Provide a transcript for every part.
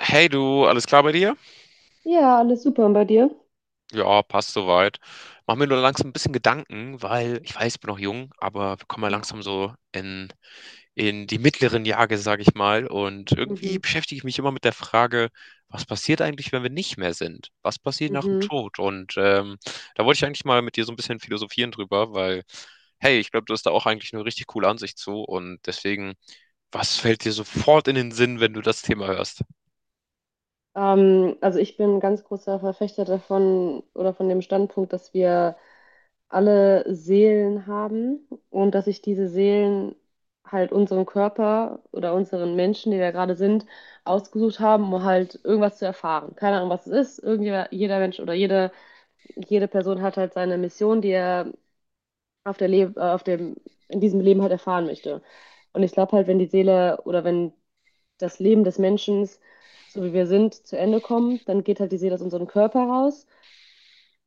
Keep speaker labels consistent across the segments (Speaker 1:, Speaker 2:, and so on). Speaker 1: Hey du, alles klar bei dir?
Speaker 2: Ja, alles super. Und bei dir?
Speaker 1: Ja, passt soweit. Mach mir nur langsam ein bisschen Gedanken, weil ich weiß, ich bin noch jung, aber wir kommen ja langsam so in die mittleren Jahre, sage ich mal. Und irgendwie
Speaker 2: Mhm,
Speaker 1: beschäftige ich mich immer mit der Frage, was passiert eigentlich, wenn wir nicht mehr sind? Was passiert nach dem
Speaker 2: mhm.
Speaker 1: Tod? Da wollte ich eigentlich mal mit dir so ein bisschen philosophieren drüber, weil, hey, ich glaube, du hast da auch eigentlich eine richtig coole Ansicht zu. Und deswegen, was fällt dir sofort in den Sinn, wenn du das Thema hörst?
Speaker 2: Also ich bin ein ganz großer Verfechter davon oder von dem Standpunkt, dass wir alle Seelen haben und dass sich diese Seelen halt unseren Körper oder unseren Menschen, die wir gerade sind, ausgesucht haben, um halt irgendwas zu erfahren. Keine Ahnung, was es ist. Jeder Mensch oder jede Person hat halt seine Mission, die er auf der Le auf dem, in diesem Leben halt erfahren möchte. Und ich glaube halt, wenn die Seele oder wenn das Leben des Menschen, so wie wir sind, zu Ende kommt, dann geht halt die Seele aus unserem Körper raus.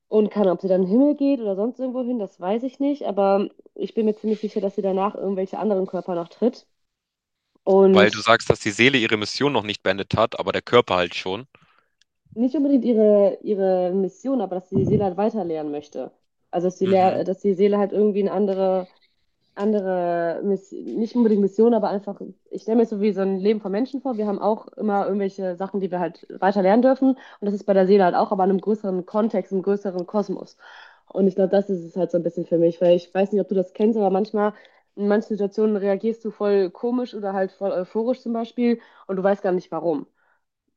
Speaker 2: Und kann, ob sie dann in den Himmel geht oder sonst irgendwo hin, das weiß ich nicht. Aber ich bin mir ziemlich sicher, dass sie danach irgendwelche anderen Körper noch tritt.
Speaker 1: Weil du
Speaker 2: Und
Speaker 1: sagst, dass die Seele ihre Mission noch nicht beendet hat, aber der Körper halt schon.
Speaker 2: nicht unbedingt ihre Mission, aber dass sie die Seele halt weiterlehren möchte. Also dass die,
Speaker 1: Mhm.
Speaker 2: Lehr- dass die Seele halt irgendwie eine andere, Miss nicht unbedingt Mission, aber einfach, ich stelle mir so wie so ein Leben von Menschen vor. Wir haben auch immer irgendwelche Sachen, die wir halt weiter lernen dürfen. Und das ist bei der Seele halt auch, aber in einem größeren Kontext, im größeren Kosmos. Und ich glaube, das ist es halt so ein bisschen für mich, weil ich weiß nicht, ob du das kennst, aber manchmal in manchen Situationen reagierst du voll komisch oder halt voll euphorisch zum Beispiel und du weißt gar nicht warum.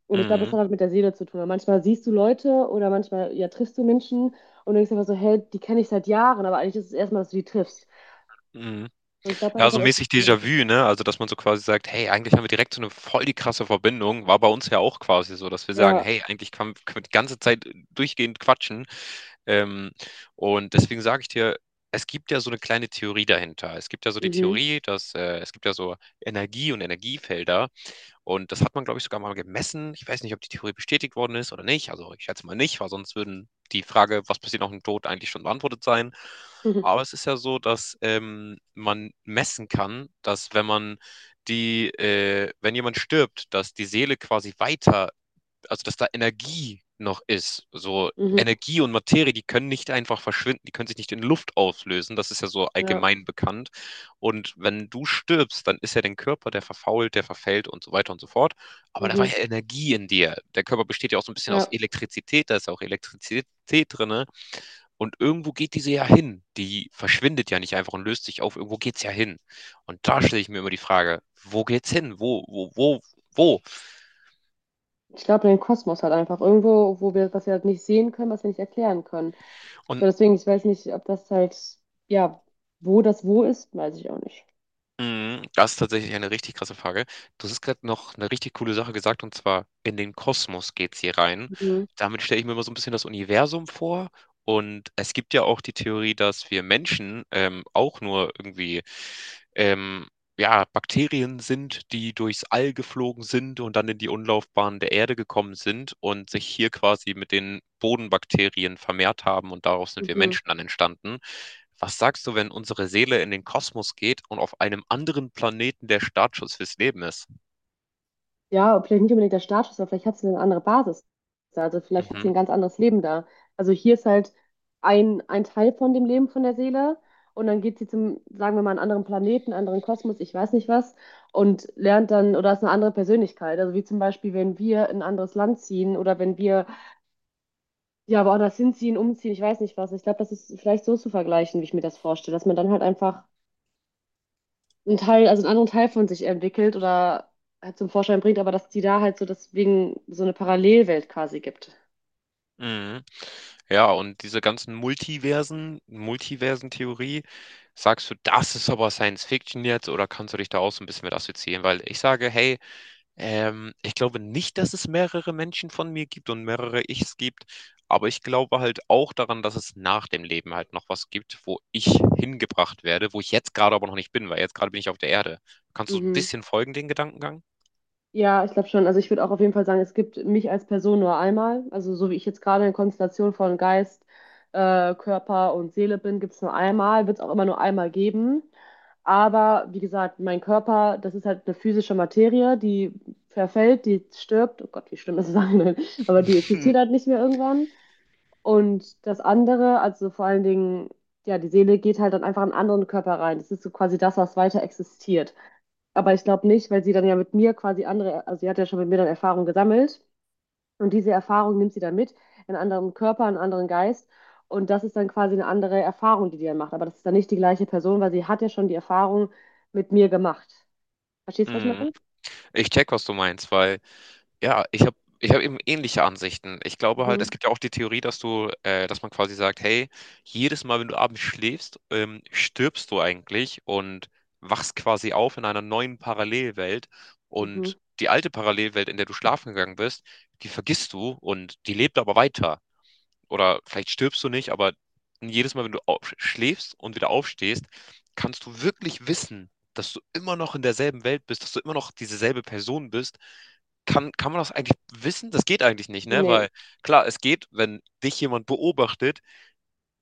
Speaker 2: Und ich glaube, das
Speaker 1: Mhm.
Speaker 2: hat halt mit der Seele zu tun. Weil manchmal siehst du Leute oder manchmal ja triffst du Menschen und denkst einfach so, hey, die kenne ich seit Jahren, aber eigentlich ist es erstmal, dass du die triffst.
Speaker 1: Mhm.
Speaker 2: Und ich glaube halt,
Speaker 1: Ja,
Speaker 2: das
Speaker 1: so
Speaker 2: hat irgendwie
Speaker 1: mäßig
Speaker 2: Probleme.
Speaker 1: Déjà-vu, ne? Also, dass man so quasi sagt, hey, eigentlich haben wir direkt so eine voll die krasse Verbindung. War bei uns ja auch quasi so, dass wir sagen,
Speaker 2: Ja,
Speaker 1: hey, eigentlich können wir die ganze Zeit durchgehend quatschen. Ähm, und deswegen sage ich dir, es gibt ja so eine kleine Theorie dahinter. Es gibt ja so die
Speaker 2: mhm.
Speaker 1: Theorie, dass es gibt ja so Energie und Energiefelder. Und das hat man, glaube ich, sogar mal gemessen. Ich weiß nicht, ob die Theorie bestätigt worden ist oder nicht. Also ich schätze mal nicht, weil sonst würden die Frage, was passiert nach dem Tod, eigentlich schon beantwortet sein. Aber es ist ja so, dass man messen kann, dass wenn man wenn jemand stirbt, dass die Seele quasi weiter, also dass da Energie noch ist. So,
Speaker 2: Mhm. Mhm.
Speaker 1: Energie und Materie, die können nicht einfach verschwinden, die können sich nicht in Luft auflösen. Das ist ja so
Speaker 2: Ja,
Speaker 1: allgemein bekannt. Und wenn du stirbst, dann ist ja dein Körper, der verfault, der verfällt und so weiter und so fort. Aber da war
Speaker 2: mhm.
Speaker 1: ja Energie in dir. Der Körper besteht ja auch so ein bisschen aus
Speaker 2: Ja.
Speaker 1: Elektrizität, da ist ja auch Elektrizität drin, ne? Und irgendwo geht diese ja hin. Die verschwindet ja nicht einfach und löst sich auf. Irgendwo geht's ja hin. Und da stelle ich mir immer die Frage, wo geht's hin? Wo?
Speaker 2: Ich glaube, den Kosmos halt einfach irgendwo, wo was wir halt nicht sehen können, was wir nicht erklären können. So,
Speaker 1: Und
Speaker 2: deswegen, ich weiß nicht, ob das halt, ja, wo das wo ist, weiß ich auch nicht.
Speaker 1: mhm, das ist tatsächlich eine richtig krasse Frage. Du hast gerade noch eine richtig coole Sache gesagt, und zwar in den Kosmos geht's hier rein.
Speaker 2: Mhm.
Speaker 1: Damit stelle ich mir immer so ein bisschen das Universum vor. Und es gibt ja auch die Theorie, dass wir Menschen auch nur irgendwie ähm, ja, Bakterien sind, die durchs All geflogen sind und dann in die Umlaufbahn der Erde gekommen sind und sich hier quasi mit den Bodenbakterien vermehrt haben und daraus sind wir
Speaker 2: Mhm.
Speaker 1: Menschen dann entstanden. Was sagst du, wenn unsere Seele in den Kosmos geht und auf einem anderen Planeten der Startschuss fürs Leben ist?
Speaker 2: Ja, vielleicht nicht unbedingt der Startschuss, aber vielleicht hat sie eine andere Basis. Also vielleicht hat sie
Speaker 1: Mhm.
Speaker 2: ein ganz anderes Leben da. Also hier ist halt ein Teil von dem Leben von der Seele und dann geht sie zum, sagen wir mal, einen anderen Planeten, einen anderen Kosmos, ich weiß nicht was, und lernt dann oder ist eine andere Persönlichkeit. Also wie zum Beispiel, wenn wir in ein anderes Land ziehen oder wenn wir ja woanders hinziehen, umziehen, ich weiß nicht was. Ich glaube, das ist vielleicht so zu vergleichen, wie ich mir das vorstelle, dass man dann halt einfach einen Teil, also einen anderen Teil von sich entwickelt oder halt zum Vorschein bringt, aber dass die da halt so deswegen so eine Parallelwelt quasi gibt.
Speaker 1: Mhm. Ja, und diese ganzen Multiversen, Multiversentheorie, sagst du, das ist aber Science Fiction jetzt oder kannst du dich da auch so ein bisschen mit assoziieren? Weil ich sage, hey, ich glaube nicht, dass es mehrere Menschen von mir gibt und mehrere Ichs gibt, aber ich glaube halt auch daran, dass es nach dem Leben halt noch was gibt, wo ich hingebracht werde, wo ich jetzt gerade aber noch nicht bin, weil jetzt gerade bin ich auf der Erde. Kannst du so ein
Speaker 2: Mhm.
Speaker 1: bisschen folgen, den Gedankengang?
Speaker 2: Ja, ich glaube schon. Also ich würde auch auf jeden Fall sagen, es gibt mich als Person nur einmal. Also so wie ich jetzt gerade in Konstellation von Geist, Körper und Seele bin, gibt es nur einmal, wird es auch immer nur einmal geben. Aber wie gesagt, mein Körper, das ist halt eine physische Materie, die verfällt, die stirbt. Oh Gott, wie schlimm ist es eigentlich? Aber die
Speaker 1: Hm.
Speaker 2: existiert halt nicht mehr irgendwann. Und das andere, also vor allen Dingen, ja, die Seele geht halt dann einfach in einen anderen Körper rein. Das ist so quasi das, was weiter existiert. Aber ich glaube nicht, weil sie dann ja mit mir quasi andere, also sie hat ja schon mit mir dann Erfahrung gesammelt und diese Erfahrung nimmt sie dann mit in einen anderen Körper, in einen anderen Geist und das ist dann quasi eine andere Erfahrung, die die dann macht. Aber das ist dann nicht die gleiche Person, weil sie hat ja schon die Erfahrung mit mir gemacht. Verstehst du, was ich
Speaker 1: Mhm.
Speaker 2: meine?
Speaker 1: Ich check, was du meinst, weil ja, ich hab eben ähnliche Ansichten. Ich glaube halt, es
Speaker 2: Mhm.
Speaker 1: gibt ja auch die Theorie, dass man quasi sagt, hey, jedes Mal, wenn du abends schläfst, stirbst du eigentlich und wachst quasi auf in einer neuen Parallelwelt
Speaker 2: Mhm.
Speaker 1: und die alte Parallelwelt, in der du schlafen gegangen bist, die vergisst du und die lebt aber weiter, oder vielleicht stirbst du nicht, aber jedes Mal, wenn du schläfst und wieder aufstehst, kannst du wirklich wissen, dass du immer noch in derselben Welt bist, dass du immer noch dieselbe Person bist. Kann man das eigentlich wissen? Das geht eigentlich nicht, ne?
Speaker 2: Nee.
Speaker 1: Weil klar, es geht, wenn dich jemand beobachtet,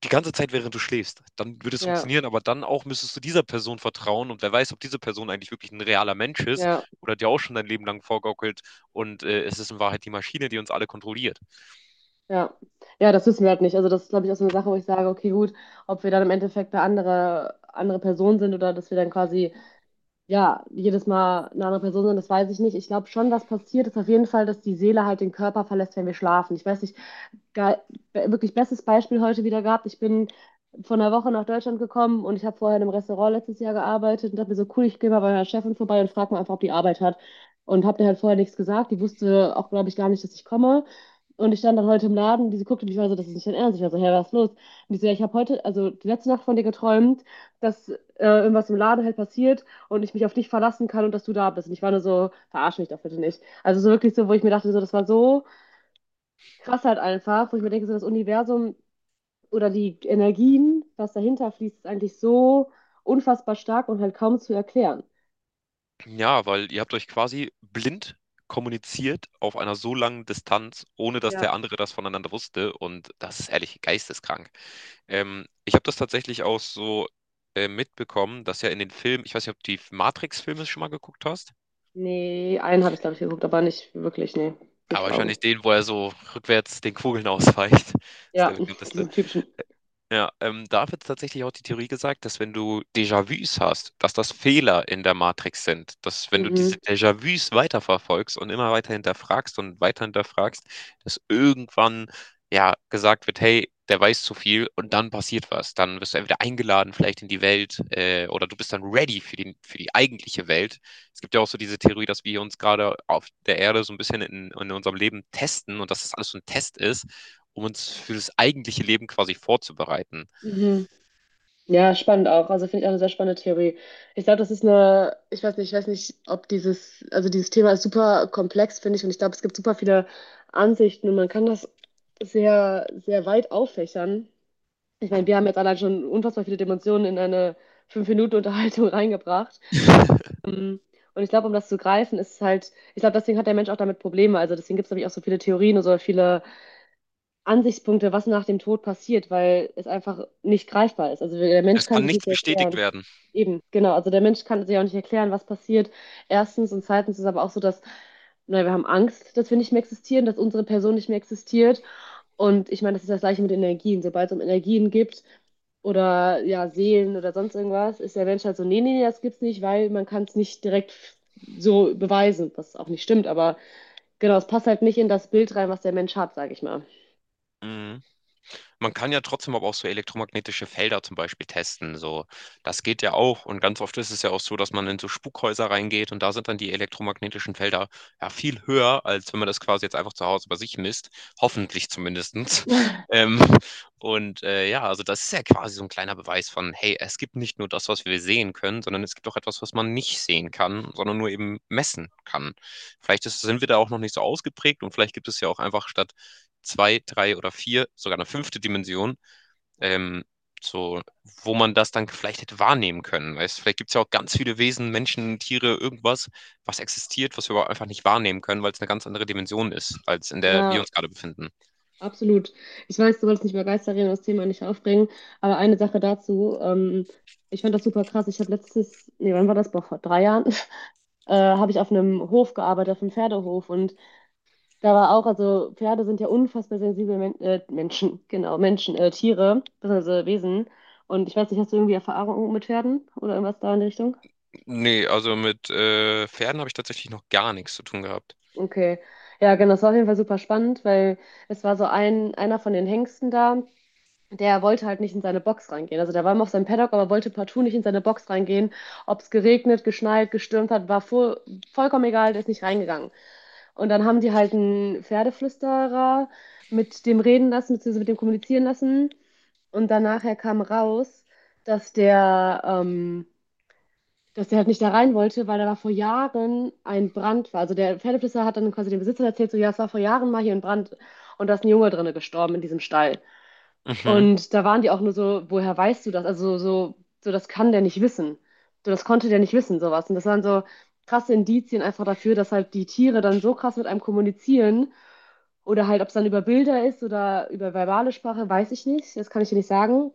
Speaker 1: die ganze Zeit, während du schläfst, dann würde es
Speaker 2: Ja.
Speaker 1: funktionieren, aber dann auch müsstest du dieser Person vertrauen und wer weiß, ob diese Person eigentlich wirklich ein realer Mensch ist
Speaker 2: Ja.
Speaker 1: oder dir auch schon dein Leben lang vorgaukelt und es ist in Wahrheit die Maschine, die uns alle kontrolliert.
Speaker 2: Ja. Ja, das wissen wir halt nicht. Also das ist, glaube ich, auch so eine Sache, wo ich sage, okay, gut, ob wir dann im Endeffekt eine andere Person sind oder dass wir dann quasi ja, jedes Mal eine andere Person sind, das weiß ich nicht. Ich glaube schon, was passiert, ist auf jeden Fall, dass die Seele halt den Körper verlässt, wenn wir schlafen. Ich weiß nicht, ge- wirklich bestes Beispiel heute wieder gehabt. Ich bin vor einer Woche nach Deutschland gekommen und ich habe vorher in einem Restaurant letztes Jahr gearbeitet und dachte mir so, cool, ich gehe mal bei meiner Chefin vorbei und frage mal einfach, ob die Arbeit hat. Und habe der halt vorher nichts gesagt. Die wusste auch, glaube ich, gar nicht, dass ich komme. Und ich stand dann heute im Laden und diese guckte mich war so, das ist nicht dein Ernst. Ich war so, hey, was ist los? Und die so, ja, ich habe heute, also die letzte Nacht von dir geträumt, dass irgendwas im Laden halt passiert und ich mich auf dich verlassen kann und dass du da bist. Und ich war nur so, verarsch mich doch bitte nicht. Also so wirklich so, wo ich mir dachte, so, das war so krass halt einfach, wo ich mir denke, so das Universum oder die Energien, was dahinter fließt, ist eigentlich so unfassbar stark und halt kaum zu erklären.
Speaker 1: Ja, weil ihr habt euch quasi blind kommuniziert auf einer so langen Distanz, ohne dass
Speaker 2: Ja.
Speaker 1: der andere das voneinander wusste. Und das ist ehrlich geisteskrank. Ich habe das tatsächlich auch so mitbekommen, dass ja in den Filmen, ich weiß nicht, ob du die Matrix-Filme schon mal geguckt hast,
Speaker 2: Nee, einen habe ich, glaube ich, geguckt, aber nicht wirklich, nee, nicht
Speaker 1: aber
Speaker 2: vor Augen.
Speaker 1: wahrscheinlich den, wo er so rückwärts den Kugeln ausweicht. Das ist der
Speaker 2: Ja,
Speaker 1: bekannteste.
Speaker 2: diesen typischen.
Speaker 1: Ja, da wird tatsächlich auch die Theorie gesagt, dass wenn du Déjà-vus hast, dass das Fehler in der Matrix sind. Dass wenn du diese
Speaker 2: Mhm.
Speaker 1: Déjà-vus weiterverfolgst und immer weiter hinterfragst und weiter hinterfragst, dass irgendwann ja gesagt wird, hey, der weiß zu viel und dann passiert was. Dann wirst du entweder eingeladen vielleicht in die Welt, oder du bist dann ready für für die eigentliche Welt. Es gibt ja auch so diese Theorie, dass wir uns gerade auf der Erde so ein bisschen in unserem Leben testen und dass das alles so ein Test ist, um uns für das eigentliche Leben quasi vorzubereiten.
Speaker 2: Mhm. Ja, spannend auch. Also finde ich auch eine sehr spannende Theorie. Ich glaube, das ist eine, ich weiß nicht, ob dieses, also dieses Thema ist super komplex, finde ich, und ich glaube, es gibt super viele Ansichten und man kann das sehr, sehr weit auffächern. Ich meine, wir haben jetzt allein schon unfassbar viele Dimensionen in eine 5 Minuten Unterhaltung reingebracht. Ähm, Und ich glaube, um das zu greifen, ist es halt, ich glaube, deswegen hat der Mensch auch damit Probleme. Also deswegen gibt es, glaube auch so viele Theorien und so viele Ansichtspunkte, was nach dem Tod passiert, weil es einfach nicht greifbar ist. Also der Mensch
Speaker 1: Es
Speaker 2: kann
Speaker 1: kann
Speaker 2: sich
Speaker 1: nichts
Speaker 2: nicht
Speaker 1: bestätigt
Speaker 2: erklären.
Speaker 1: werden.
Speaker 2: Eben, genau. Also der Mensch kann sich auch nicht erklären, was passiert. Erstens und zweitens ist aber auch so, dass na, wir haben Angst, dass wir nicht mehr existieren, dass unsere Person nicht mehr existiert. Und ich meine, das ist das Gleiche mit Energien. Sobald es um Energien gibt oder ja Seelen oder sonst irgendwas, ist der Mensch halt so, nee, nee, nee, das gibt's nicht, weil man kann es nicht direkt so beweisen, was auch nicht stimmt. Aber genau, es passt halt nicht in das Bild rein, was der Mensch hat, sage ich mal.
Speaker 1: Mhm. Man kann ja trotzdem aber auch so elektromagnetische Felder zum Beispiel testen. So, das geht ja auch. Und ganz oft ist es ja auch so, dass man in so Spukhäuser reingeht und da sind dann die elektromagnetischen Felder ja viel höher, als wenn man das quasi jetzt einfach zu Hause bei sich misst. Hoffentlich zumindestens. Ähm, und ja, also das ist ja quasi so ein kleiner Beweis von, hey, es gibt nicht nur das, was wir sehen können, sondern es gibt auch etwas, was man nicht sehen kann, sondern nur eben messen kann. Sind wir da auch noch nicht so ausgeprägt und vielleicht gibt es ja auch einfach statt zwei, drei oder vier, sogar eine fünfte Dimension, ähm, so, wo man das dann vielleicht hätte wahrnehmen können. Weißt? Vielleicht gibt es ja auch ganz viele Wesen, Menschen, Tiere, irgendwas, was existiert, was wir aber einfach nicht wahrnehmen können, weil es eine ganz andere Dimension ist, als in der wir
Speaker 2: Ja.
Speaker 1: uns gerade befinden.
Speaker 2: Absolut. Ich weiß, du wolltest nicht über Geister reden und das Thema nicht aufbringen, aber eine Sache dazu. Ich fand das super krass. Ich habe nee, wann war das? Boah, vor 3 Jahren, habe ich auf einem Hof gearbeitet, auf einem Pferdehof. Und da war auch, also Pferde sind ja unfassbar sensible Menschen, genau, Menschen, Tiere, beziehungsweise Wesen. Und ich weiß nicht, hast du irgendwie Erfahrung mit Pferden oder irgendwas da in die Richtung?
Speaker 1: Nee, also mit Pferden habe ich tatsächlich noch gar nichts zu tun gehabt.
Speaker 2: Okay, ja, genau, das war auf jeden Fall super spannend, weil es war so einer von den Hengsten da, der wollte halt nicht in seine Box reingehen. Also der war immer auf seinem Paddock, aber wollte partout nicht in seine Box reingehen. Ob es geregnet, geschneit, gestürmt hat, war voll, vollkommen egal, der ist nicht reingegangen. Und dann haben die halt einen Pferdeflüsterer mit dem reden lassen, beziehungsweise mit dem kommunizieren lassen. Und dann nachher kam raus, dass der halt nicht da rein wollte, weil da war vor Jahren ein Brand war. Also der Pferdeflüsterer hat dann quasi dem Besitzer erzählt, so ja, es war vor Jahren mal hier ein Brand und da ist ein Junge drinne gestorben in diesem Stall.
Speaker 1: Mhm,
Speaker 2: Und da waren die auch nur so, woher weißt du das? Also so, so das kann der nicht wissen. So, das konnte der nicht wissen, sowas. Und das waren so krasse Indizien einfach dafür, dass halt die Tiere dann so krass mit einem kommunizieren. Oder halt, ob es dann über Bilder ist oder über verbale Sprache, weiß ich nicht. Das kann ich dir nicht sagen.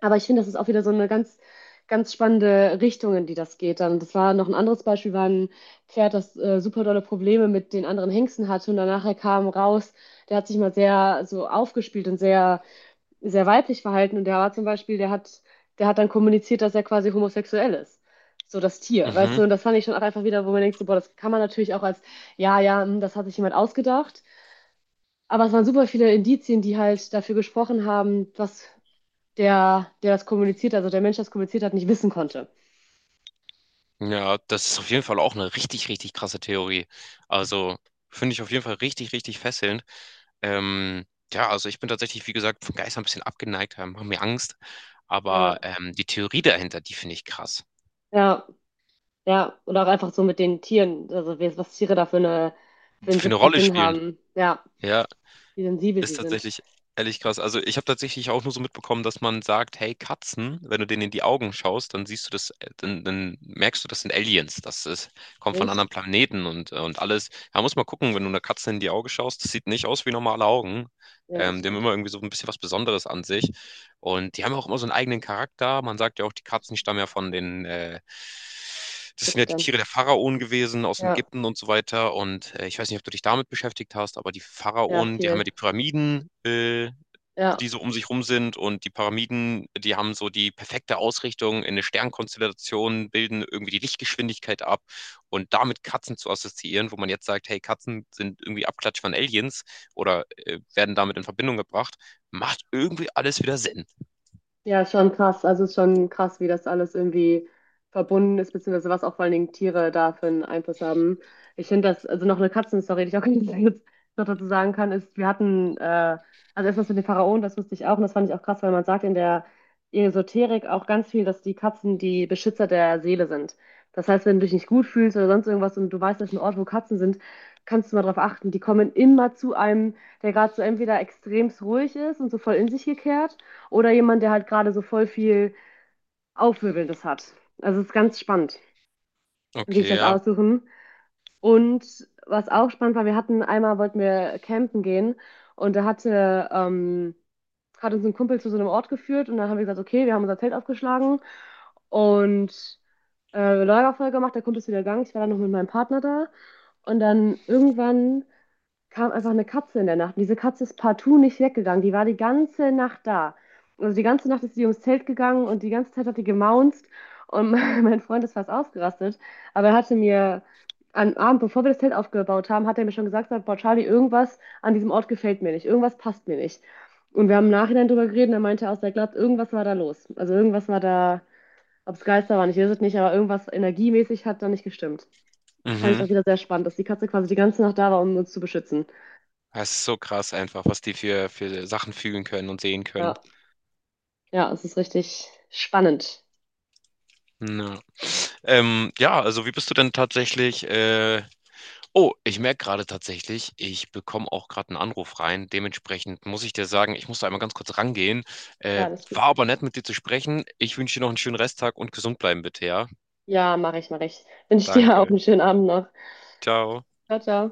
Speaker 2: Aber ich finde, das ist auch wieder so eine ganz, ganz spannende Richtung, in die das geht dann. Das war noch ein anderes Beispiel, war ein Pferd, das super dolle Probleme mit den anderen Hengsten hatte. Und danach kam raus, der hat sich mal sehr so aufgespielt und sehr sehr weiblich verhalten und der war zum Beispiel, der hat dann kommuniziert, dass er quasi homosexuell ist. So das Tier, weißt
Speaker 1: mhm.
Speaker 2: du, und das fand ich schon auch einfach wieder, wo man denkt, so, boah, das kann man natürlich auch als, ja, ja, hm, das hat sich jemand ausgedacht. Aber es waren super viele Indizien, die halt dafür gesprochen haben, was der, der das kommuniziert, also der Mensch, der das kommuniziert hat, nicht wissen konnte.
Speaker 1: Ja, das ist auf jeden Fall auch eine richtig, richtig krasse Theorie. Also finde ich auf jeden Fall richtig, richtig fesselnd. Ähm, ja, also ich bin tatsächlich, wie gesagt, von Geistern ein bisschen abgeneigt, haben mir Angst. Aber
Speaker 2: Ja,
Speaker 1: die Theorie dahinter, die finde ich krass.
Speaker 2: ja, ja. Oder auch einfach so mit den Tieren, also was Tiere da für einen
Speaker 1: Für eine
Speaker 2: siebten
Speaker 1: Rolle
Speaker 2: Sinn
Speaker 1: spielen.
Speaker 2: haben. Ja,
Speaker 1: Ja,
Speaker 2: wie sensibel
Speaker 1: ist
Speaker 2: sie sind.
Speaker 1: tatsächlich ehrlich krass. Also ich habe tatsächlich auch nur so mitbekommen, dass man sagt, hey Katzen, wenn du denen in die Augen schaust, dann siehst du das, dann merkst du, das sind Aliens. Das ist, kommt von
Speaker 2: Echt?
Speaker 1: anderen Planeten und alles. Da muss man gucken, wenn du einer Katze in die Augen schaust, das sieht nicht aus wie normale Augen.
Speaker 2: Ja, das
Speaker 1: Die haben
Speaker 2: stimmt.
Speaker 1: immer irgendwie so ein bisschen was Besonderes an sich. Und die haben ja auch immer so einen eigenen Charakter. Man sagt ja auch, die
Speaker 2: Das
Speaker 1: Katzen stammen ja von das sind ja
Speaker 2: gibt
Speaker 1: die
Speaker 2: dann.
Speaker 1: Tiere der Pharaonen gewesen aus
Speaker 2: Ja.
Speaker 1: Ägypten und so weiter. Und ich weiß nicht, ob du dich damit beschäftigt hast, aber die
Speaker 2: Ja,
Speaker 1: Pharaonen, die haben ja
Speaker 2: viel.
Speaker 1: die Pyramiden, äh, die
Speaker 2: Ja.
Speaker 1: so um sich rum sind. Und die Pyramiden, die haben so die perfekte Ausrichtung in eine Sternkonstellation, bilden irgendwie die Lichtgeschwindigkeit ab. Und damit Katzen zu assoziieren, wo man jetzt sagt, hey, Katzen sind irgendwie Abklatsch von Aliens oder werden damit in Verbindung gebracht, macht irgendwie alles wieder Sinn.
Speaker 2: Ja, ist schon krass. Also ist schon krass, wie das alles irgendwie verbunden ist, beziehungsweise was auch vor allen Dingen Tiere da für einen Einfluss haben. Ich finde das, also noch eine Katzenstory, die ich auch jetzt noch dazu sagen kann, ist, wir hatten, also erstmal mit den Pharaonen, das wusste ich auch und das fand ich auch krass, weil man sagt in der Esoterik auch ganz viel, dass die Katzen die Beschützer der Seele sind. Das heißt, wenn du dich nicht gut fühlst oder sonst irgendwas und du weißt, das ist ein Ort, wo Katzen sind, kannst du mal drauf achten. Die kommen immer zu einem, der gerade so entweder extremst ruhig ist und so voll in sich gekehrt. Oder jemand, der halt gerade so voll viel Aufwirbelndes hat. Also es ist ganz spannend, wie sich
Speaker 1: Okay,
Speaker 2: das
Speaker 1: ja.
Speaker 2: aussuchen. Und was auch spannend war, wir hatten einmal, wollten wir campen gehen und da hat uns ein Kumpel zu so einem Ort geführt und dann haben wir gesagt, okay, wir haben unser Zelt aufgeschlagen und Lagerfeuer gemacht, der Kumpel ist wieder gegangen, ich war dann noch mit meinem Partner da und dann irgendwann kam einfach eine Katze in der Nacht. Und diese Katze ist partout nicht weggegangen. Die war die ganze Nacht da. Also die ganze Nacht ist sie ums Zelt gegangen und die ganze Zeit hat die gemaunzt. Und mein Freund ist fast ausgerastet. Aber er hatte mir am Abend, bevor wir das Zelt aufgebaut haben, hat er mir schon gesagt, sagt, boah, Charlie, irgendwas an diesem Ort gefällt mir nicht. Irgendwas passt mir nicht. Und wir haben im Nachhinein drüber geredet und er meinte aus, er glaubt, irgendwas war da los. Also irgendwas war da, ob es Geister waren, ich weiß es nicht, aber irgendwas energiemäßig hat da nicht gestimmt. Fand ich
Speaker 1: Mhm.
Speaker 2: auch wieder sehr spannend, dass die Katze quasi die ganze Nacht da war, um uns zu beschützen.
Speaker 1: Es ist so krass einfach, was die für Sachen fühlen können und sehen können.
Speaker 2: Ja. Ja, es ist richtig spannend.
Speaker 1: Ja. Ja, also wie bist du denn tatsächlich? Oh, ich merke gerade tatsächlich, ich bekomme auch gerade einen Anruf rein. Dementsprechend muss ich dir sagen, ich muss da einmal ganz kurz rangehen. Äh,
Speaker 2: Ja, das ist
Speaker 1: war
Speaker 2: gut.
Speaker 1: aber nett, mit dir zu sprechen. Ich wünsche dir noch einen schönen Resttag und gesund bleiben bitte, ja?
Speaker 2: Ja, mache ich, mache ich. Wünsche ich dir auch
Speaker 1: Danke.
Speaker 2: einen schönen Abend noch.
Speaker 1: Ciao.
Speaker 2: Ciao, ciao.